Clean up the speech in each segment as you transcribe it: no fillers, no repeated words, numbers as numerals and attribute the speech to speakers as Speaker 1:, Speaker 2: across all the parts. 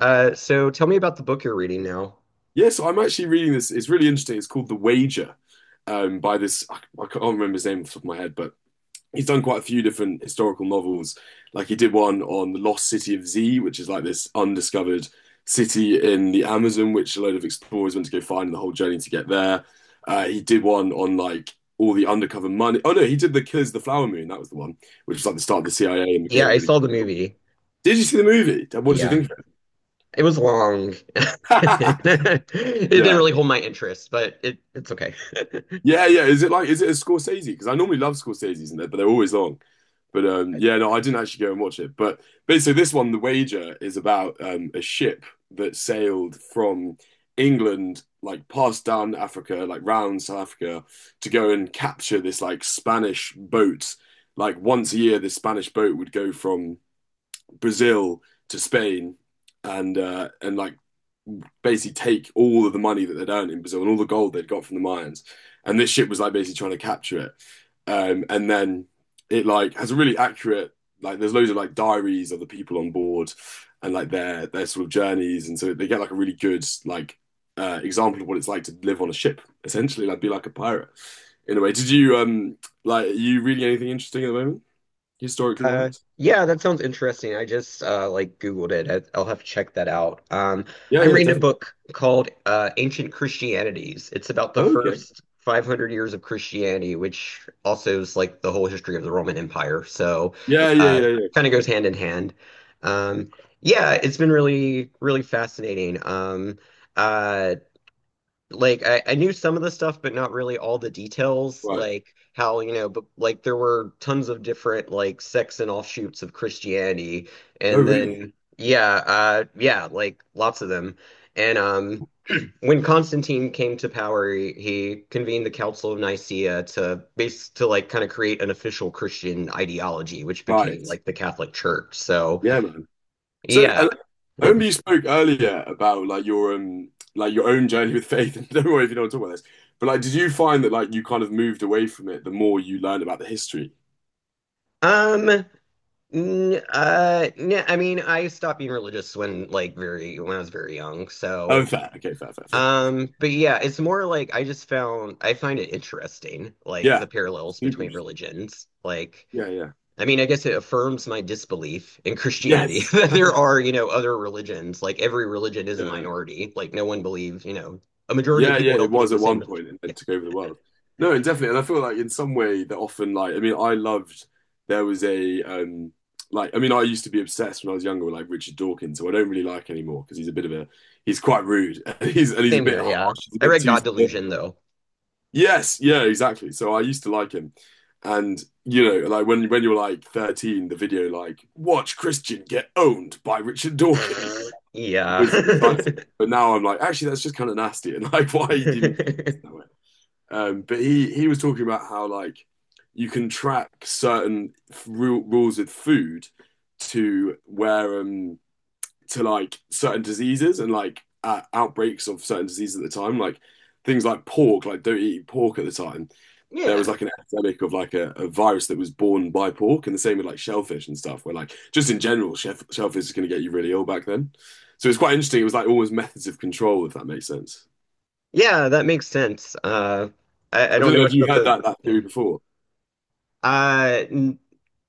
Speaker 1: So tell me about the book you're reading now.
Speaker 2: Yes, I'm actually reading this. It's really interesting. It's called The Wager, by this, I can't remember his name off the top of my head, but he's done quite a few different historical novels. Like he did one on the lost city of Z, which is like this undiscovered city in the Amazon, which a load of explorers went to go find and the whole journey to get there. He did one on like all the undercover money. Oh no, he did The Killers of the Flower Moon. That was the one, which was like the start of the CIA and
Speaker 1: Yeah,
Speaker 2: became a
Speaker 1: I
Speaker 2: really.
Speaker 1: saw the
Speaker 2: Good film.
Speaker 1: movie.
Speaker 2: Did you see the movie? What did you
Speaker 1: Yeah,
Speaker 2: think of
Speaker 1: it was long.
Speaker 2: it?
Speaker 1: It didn't
Speaker 2: Yeah.
Speaker 1: really hold my interest, but it's okay.
Speaker 2: Yeah, yeah. Is it like is it a Scorsese? Because I normally love Scorsese's, and but they're always long. But yeah, no, I didn't actually go and watch it. But basically, this one, The Wager, is about a ship that sailed from England, like past down Africa, like round South Africa, to go and capture this like Spanish boat. Like once a year, this Spanish boat would go from Brazil to Spain, and and like basically take all of the money that they'd earned in Brazil and all the gold they'd got from the mines. And this ship was like basically trying to capture it. And then it like has a really accurate like there's loads of like diaries of the people on board and like their sort of journeys. And so they get like a really good like example of what it's like to live on a ship, essentially, like be like a pirate in a way. Did you like are you reading anything interesting at the moment, historically
Speaker 1: Uh,
Speaker 2: wise?
Speaker 1: yeah, that sounds interesting. I just like Googled it. I'll have to check that out.
Speaker 2: Yeah,
Speaker 1: I'm
Speaker 2: yeah,
Speaker 1: reading a
Speaker 2: definitely.
Speaker 1: book called Ancient Christianities. It's about the
Speaker 2: Oh, okay.
Speaker 1: first 500 years of Christianity, which also is like the whole history of the Roman Empire. So,
Speaker 2: Yeah, yeah,
Speaker 1: uh,
Speaker 2: yeah, yeah.
Speaker 1: kind of goes hand in hand. Um, yeah, it's been really, really fascinating. Uh, like I knew some of the stuff, but not really all the details,
Speaker 2: Right.
Speaker 1: like how, you know, but like there were tons of different like sects and offshoots of Christianity.
Speaker 2: Oh,
Speaker 1: And
Speaker 2: really?
Speaker 1: then yeah, yeah, like lots of them. And when Constantine came to power, he convened the Council of Nicaea to base to like kind of create an official Christian ideology, which became
Speaker 2: Right.
Speaker 1: like the Catholic Church. So
Speaker 2: Yeah, man. So
Speaker 1: yeah.
Speaker 2: I
Speaker 1: Hmm.
Speaker 2: remember you spoke earlier about like your like your own journey with faith, and don't worry if you don't want to talk about this. But like, did you find that like you kind of moved away from it the more you learned about the history?
Speaker 1: Um, I mean, I stopped being religious when like very when I was very young.
Speaker 2: Oh,
Speaker 1: So,
Speaker 2: fair. Okay, fair, fair, fair.
Speaker 1: but yeah, it's more like I just found I find it interesting, like the
Speaker 2: Yeah,
Speaker 1: parallels
Speaker 2: super
Speaker 1: between
Speaker 2: interesting.
Speaker 1: religions. Like,
Speaker 2: Yeah, yeah.
Speaker 1: I mean, I guess it affirms my disbelief in Christianity
Speaker 2: Yes.
Speaker 1: that there are, you know, other religions. Like every religion is a
Speaker 2: Yeah, yeah.
Speaker 1: minority. Like no one believes, you know, a majority of
Speaker 2: Yeah, yeah,
Speaker 1: people
Speaker 2: it
Speaker 1: don't believe
Speaker 2: was
Speaker 1: the
Speaker 2: at
Speaker 1: same.
Speaker 2: one
Speaker 1: Religion.
Speaker 2: point and
Speaker 1: Yeah,
Speaker 2: then took over the world. No, and definitely, and I feel like in some way that often like I mean I loved there was a like I mean I used to be obsessed when I was younger with like Richard Dawkins, who I don't really like anymore because he's a bit of a he's quite rude and he's a
Speaker 1: same
Speaker 2: bit
Speaker 1: here.
Speaker 2: harsh,
Speaker 1: Yeah,
Speaker 2: he's a
Speaker 1: I
Speaker 2: bit
Speaker 1: read
Speaker 2: too
Speaker 1: God
Speaker 2: severe.
Speaker 1: Delusion though.
Speaker 2: Yes, yeah, exactly. So I used to like him. And you know, like when you're like 13, the video like watch Christian get owned by Richard Dawkins
Speaker 1: Yeah.
Speaker 2: was exciting. But now I'm like, actually, that's just kind of nasty. And like, why do you need to do this that way? But he was talking about how like you can track certain rules with food to where to like certain diseases and like outbreaks of certain diseases at the time, like things like pork, like don't eat pork at the time. There
Speaker 1: Yeah.
Speaker 2: was like an epidemic of like a virus that was born by pork, and the same with like shellfish and stuff, where like just in general, shellfish is going to get you really ill back then. So it's quite interesting. It was like almost methods of control, if that makes sense.
Speaker 1: Yeah, that makes sense. I
Speaker 2: I
Speaker 1: don't
Speaker 2: don't
Speaker 1: know
Speaker 2: know if
Speaker 1: much
Speaker 2: you
Speaker 1: about
Speaker 2: had
Speaker 1: the
Speaker 2: that
Speaker 1: yeah.
Speaker 2: theory before.
Speaker 1: N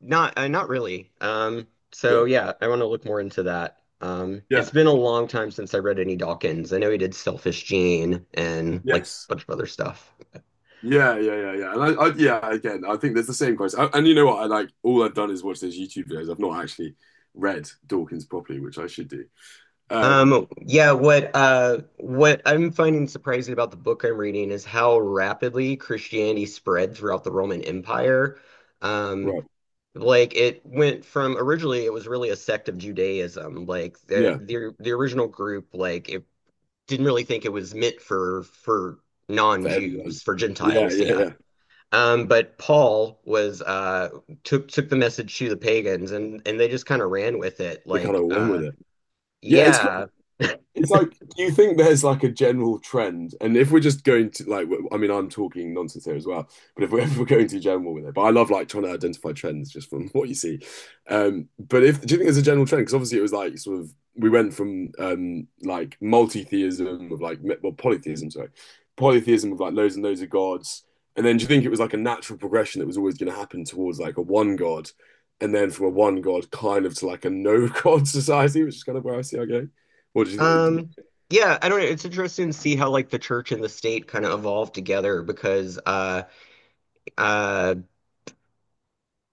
Speaker 1: not not really. So
Speaker 2: Yeah.
Speaker 1: yeah, I want to look more into that. It's
Speaker 2: Yeah.
Speaker 1: been a long time since I read any Dawkins. I know he did Selfish Gene and like a
Speaker 2: Yes.
Speaker 1: bunch of other stuff.
Speaker 2: Yeah, yeah, yeah, yeah. And yeah, again, I think there's the same question. I, and you know what? I like all I've done is watch those YouTube videos. I've not actually read Dawkins properly, which I should do. Um,
Speaker 1: Yeah, what I'm finding surprising about the book I'm reading is how rapidly Christianity spread throughout the Roman Empire. Um.
Speaker 2: right.
Speaker 1: Like it went from originally it was really a sect of Judaism. Like the
Speaker 2: Yeah,
Speaker 1: the the original group, like it didn't really think it was meant for
Speaker 2: for everyone.
Speaker 1: non-Jews, for
Speaker 2: Yeah,
Speaker 1: Gentiles,
Speaker 2: yeah,
Speaker 1: yeah.
Speaker 2: yeah.
Speaker 1: But Paul was took the message to the pagans and they just kind of ran with it.
Speaker 2: They kind
Speaker 1: Like
Speaker 2: of went with it. Yeah, it's cool.
Speaker 1: yeah.
Speaker 2: It's like, do you think there's like a general trend? And if we're just going to like, I mean, I'm talking nonsense here as well, but if if we're going to general with it, but I love like trying to identify trends just from what you see. But if do you think there's a general trend? Because obviously it was like sort of we went from like multi-theism of like well polytheism, sorry, polytheism of like loads and loads of gods, and then do you think it was like a natural progression that was always going to happen towards like a one god, and then from a one god kind of to like a no god society, which is kind of where I see our going. What do you?
Speaker 1: Um yeah, I don't know. It's interesting to see how like the church and the state kind of evolved together because uh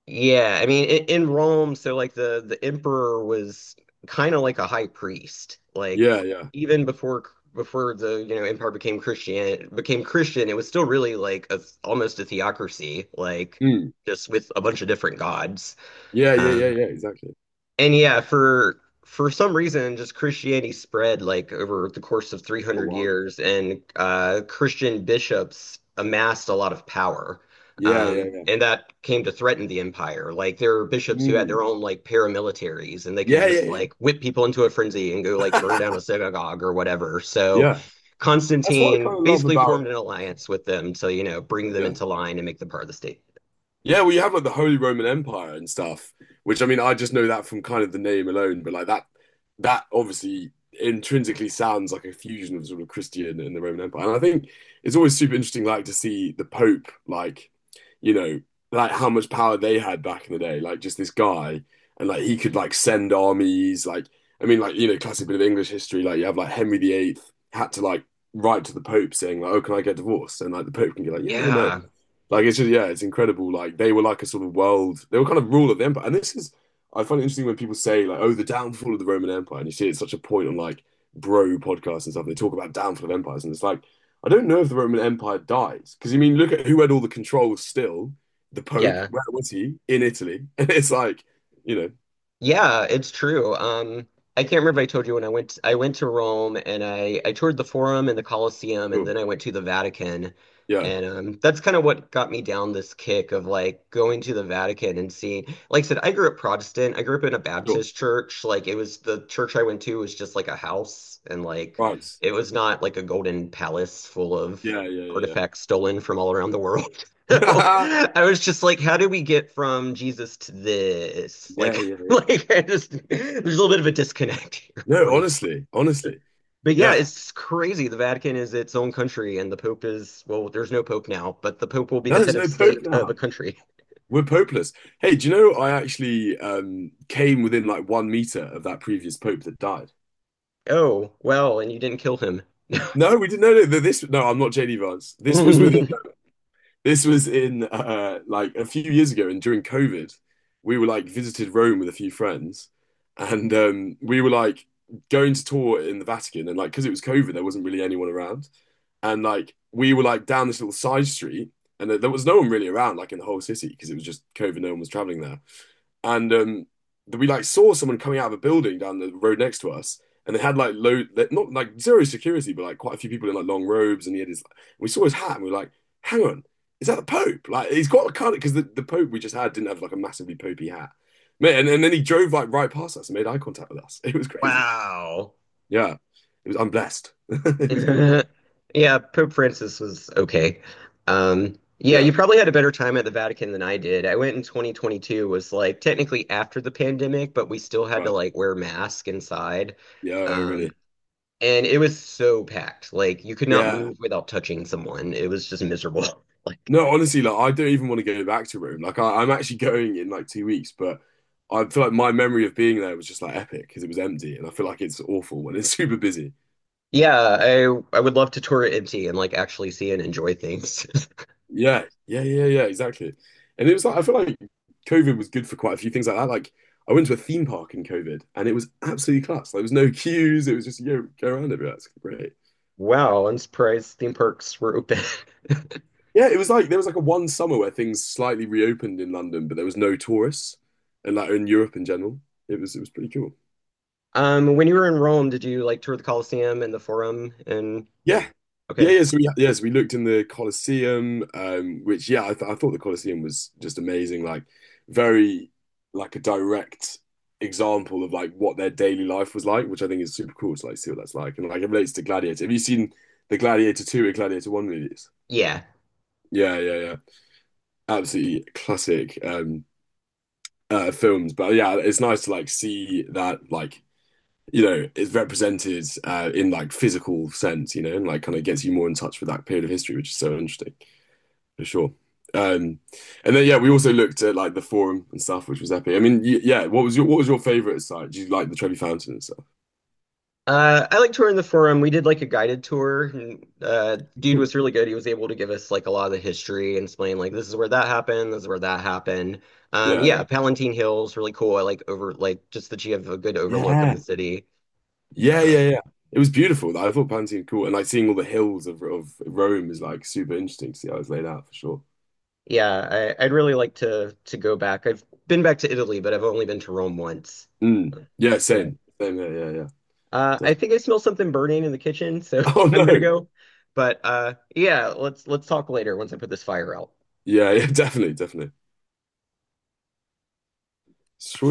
Speaker 1: yeah, I mean, in Rome, so like the emperor was kind of like a high priest. Like
Speaker 2: Yeah, yeah.
Speaker 1: even before before the you know empire became Christian, it was still really like a almost a theocracy, like
Speaker 2: Mm.
Speaker 1: just with a bunch of different gods.
Speaker 2: Yeah, yeah, yeah,
Speaker 1: Um,
Speaker 2: yeah, exactly.
Speaker 1: and yeah, for some reason, just Christianity spread like over the course of
Speaker 2: A
Speaker 1: 300
Speaker 2: wild.
Speaker 1: years, and Christian bishops amassed a lot of power.
Speaker 2: Yeah, yeah, yeah.
Speaker 1: And that came to threaten the empire. Like there were bishops who had their
Speaker 2: Mm.
Speaker 1: own like paramilitaries, and they could
Speaker 2: Yeah, yeah,
Speaker 1: just
Speaker 2: yeah.
Speaker 1: like whip people into a frenzy and go like burn down a synagogue or whatever. So
Speaker 2: Yeah. That's what I
Speaker 1: Constantine
Speaker 2: kind of love
Speaker 1: basically
Speaker 2: about.
Speaker 1: formed an alliance with them to, you know, bring them
Speaker 2: Yeah.
Speaker 1: into line and make them part of the state.
Speaker 2: Yeah, well, you have like the Holy Roman Empire and stuff, which I mean, I just know that from kind of the name alone, but like that, that obviously intrinsically sounds like a fusion of sort of Christian and the Roman Empire. And I think it's always super interesting, like to see the Pope, like, you know, like how much power they had back in the day, like just this guy, and like he could like send armies, like, I mean, like, you know, classic bit of English history, like you have like Henry VIII had to like write to the Pope saying, like, oh, can I get divorced? And like the Pope can be like, yeah or no.
Speaker 1: Yeah.
Speaker 2: Like it's just yeah, it's incredible. Like they were like a sort of world. They were kind of rule of the empire. And this is I find it interesting when people say like, oh, the downfall of the Roman Empire, and you see it's such a point on like bro podcasts and stuff. They talk about downfall of empires, and it's like I don't know if the Roman Empire dies because you mean look at who had all the control still. The Pope,
Speaker 1: Yeah.
Speaker 2: where was he? In Italy, and it's like you know,
Speaker 1: Yeah, it's true. I can't remember if I told you when I went to Rome and I toured the Forum and the Colosseum and
Speaker 2: cool,
Speaker 1: then I went to the Vatican.
Speaker 2: yeah,
Speaker 1: And that's kind of what got me down this kick of like going to the Vatican and seeing, like I said, I grew up Protestant. I grew up in a
Speaker 2: sure,
Speaker 1: Baptist church. Like it was the church I went to was just like a house and like
Speaker 2: right,
Speaker 1: it was not like a golden palace full of
Speaker 2: yeah, yeah, yeah,
Speaker 1: artifacts stolen from all around the world. So
Speaker 2: yeah,
Speaker 1: I was just like, how do we get from Jesus to this?
Speaker 2: yeah,
Speaker 1: Like,
Speaker 2: yeah, yeah.
Speaker 1: like, I just, there's a little bit of a disconnect here for
Speaker 2: No,
Speaker 1: me.
Speaker 2: honestly, honestly,
Speaker 1: But yeah,
Speaker 2: yeah.
Speaker 1: it's crazy. The Vatican is its own country, and the Pope is, well, there's no Pope now, but the Pope will be the
Speaker 2: No,
Speaker 1: head
Speaker 2: there's
Speaker 1: of
Speaker 2: no Pope
Speaker 1: state of a
Speaker 2: now.
Speaker 1: country.
Speaker 2: We're popeless. Hey, do you know I actually came within like 1 meter of that previous pope that died?
Speaker 1: Oh, well, and you didn't kill him.
Speaker 2: No, we didn't. No, no, this. No, I'm not JD Vance. This was with. This was in like a few years ago, and during COVID, we were like visited Rome with a few friends, and we were like going to tour in the Vatican, and like because it was COVID, there wasn't really anyone around, and like we were like down this little side street, and there was no one really around, like in the whole city, because it was just COVID. No one was traveling there and we like saw someone coming out of a building down the road next to us, and they had like low, not like zero security, but like quite a few people in like long robes, and he had his. We saw his hat, and we were like, "Hang on, is that the Pope?" Like he's got a kind of because the Pope we just had didn't have like a massively popey hat, man. And then he drove like right past us and made eye contact with us. It was crazy.
Speaker 1: Wow.
Speaker 2: Yeah, it was. I'm blessed. It was cool.
Speaker 1: Yeah, Pope Francis was okay. Yeah, you
Speaker 2: Yeah.
Speaker 1: probably had a better time at the Vatican than I did. I went in 2022, was like technically after the pandemic, but we still had to
Speaker 2: Right.
Speaker 1: like wear mask inside.
Speaker 2: Yeah. Oh, really.
Speaker 1: Um, And it was so packed. Like you could not
Speaker 2: Yeah.
Speaker 1: move without touching someone. It was just miserable. Like
Speaker 2: No, honestly, like I don't even want to go back to Rome. Like I'm actually going in like 2 weeks, but I feel like my memory of being there was just like epic because it was empty, and I feel like it's awful when it's super busy.
Speaker 1: yeah, I would love to tour it empty and like actually see and enjoy things.
Speaker 2: Yeah, yeah, yeah, yeah, exactly. And it was like I feel like COVID was good for quite a few things like that. Like I went to a theme park in COVID, and it was absolutely class. Like, there was no queues. It was just you know, go around everywhere. It's great.
Speaker 1: Wow, I'm surprised theme parks were open.
Speaker 2: Yeah, it was like there was like a one summer where things slightly reopened in London, but there was no tourists, and like in Europe in general, it was pretty cool.
Speaker 1: When you were in Rome, did you like tour the Colosseum and the Forum and
Speaker 2: Yeah. Yeah,
Speaker 1: okay.
Speaker 2: yeah. So we, yes, we looked in the Colosseum, which yeah, I thought the Colosseum was just amazing, like very like a direct example of like what their daily life was like, which I think is super cool to like see what that's like. And like it relates to Gladiator. Have you seen the Gladiator 2 and Gladiator 1 movies?
Speaker 1: Yeah.
Speaker 2: Yeah, yeah, yeah. Absolutely classic films. But yeah, it's nice to like see that like you know, is represented in like physical sense, you know, and like kind of gets you more in touch with that period of history, which is so interesting for sure. Um, and then yeah, we also looked at like the forum and stuff, which was epic. I mean, yeah, what was your favorite site? Did you like the Trevi Fountain and stuff?
Speaker 1: I like touring the forum. We did like a guided tour, and dude
Speaker 2: Cool.
Speaker 1: was really good. He was able to give us like a lot of the history and explain like this is where that happened, this is where that happened.
Speaker 2: Yeah,
Speaker 1: Yeah, Palatine Hill's really cool. I like over like just that you have a good overlook of the
Speaker 2: yeah,
Speaker 1: city.
Speaker 2: Yeah. yeah,
Speaker 1: Um,
Speaker 2: yeah, yeah. It was beautiful. I thought Pantheon cool, and like seeing all the hills of Rome is like super interesting to see how it's laid out for sure.
Speaker 1: yeah, I'd really like to go back. I've been back to Italy, but I've only been to Rome once.
Speaker 2: Mm. Yeah,
Speaker 1: Yeah.
Speaker 2: same, same. Yeah, yeah, yeah.
Speaker 1: I
Speaker 2: Definitely.
Speaker 1: think I smell something burning in the kitchen, so
Speaker 2: Oh
Speaker 1: I'm gonna
Speaker 2: no.
Speaker 1: go. But yeah, let's talk later once I put this fire out.
Speaker 2: Yeah, yeah, definitely, definitely. Sure.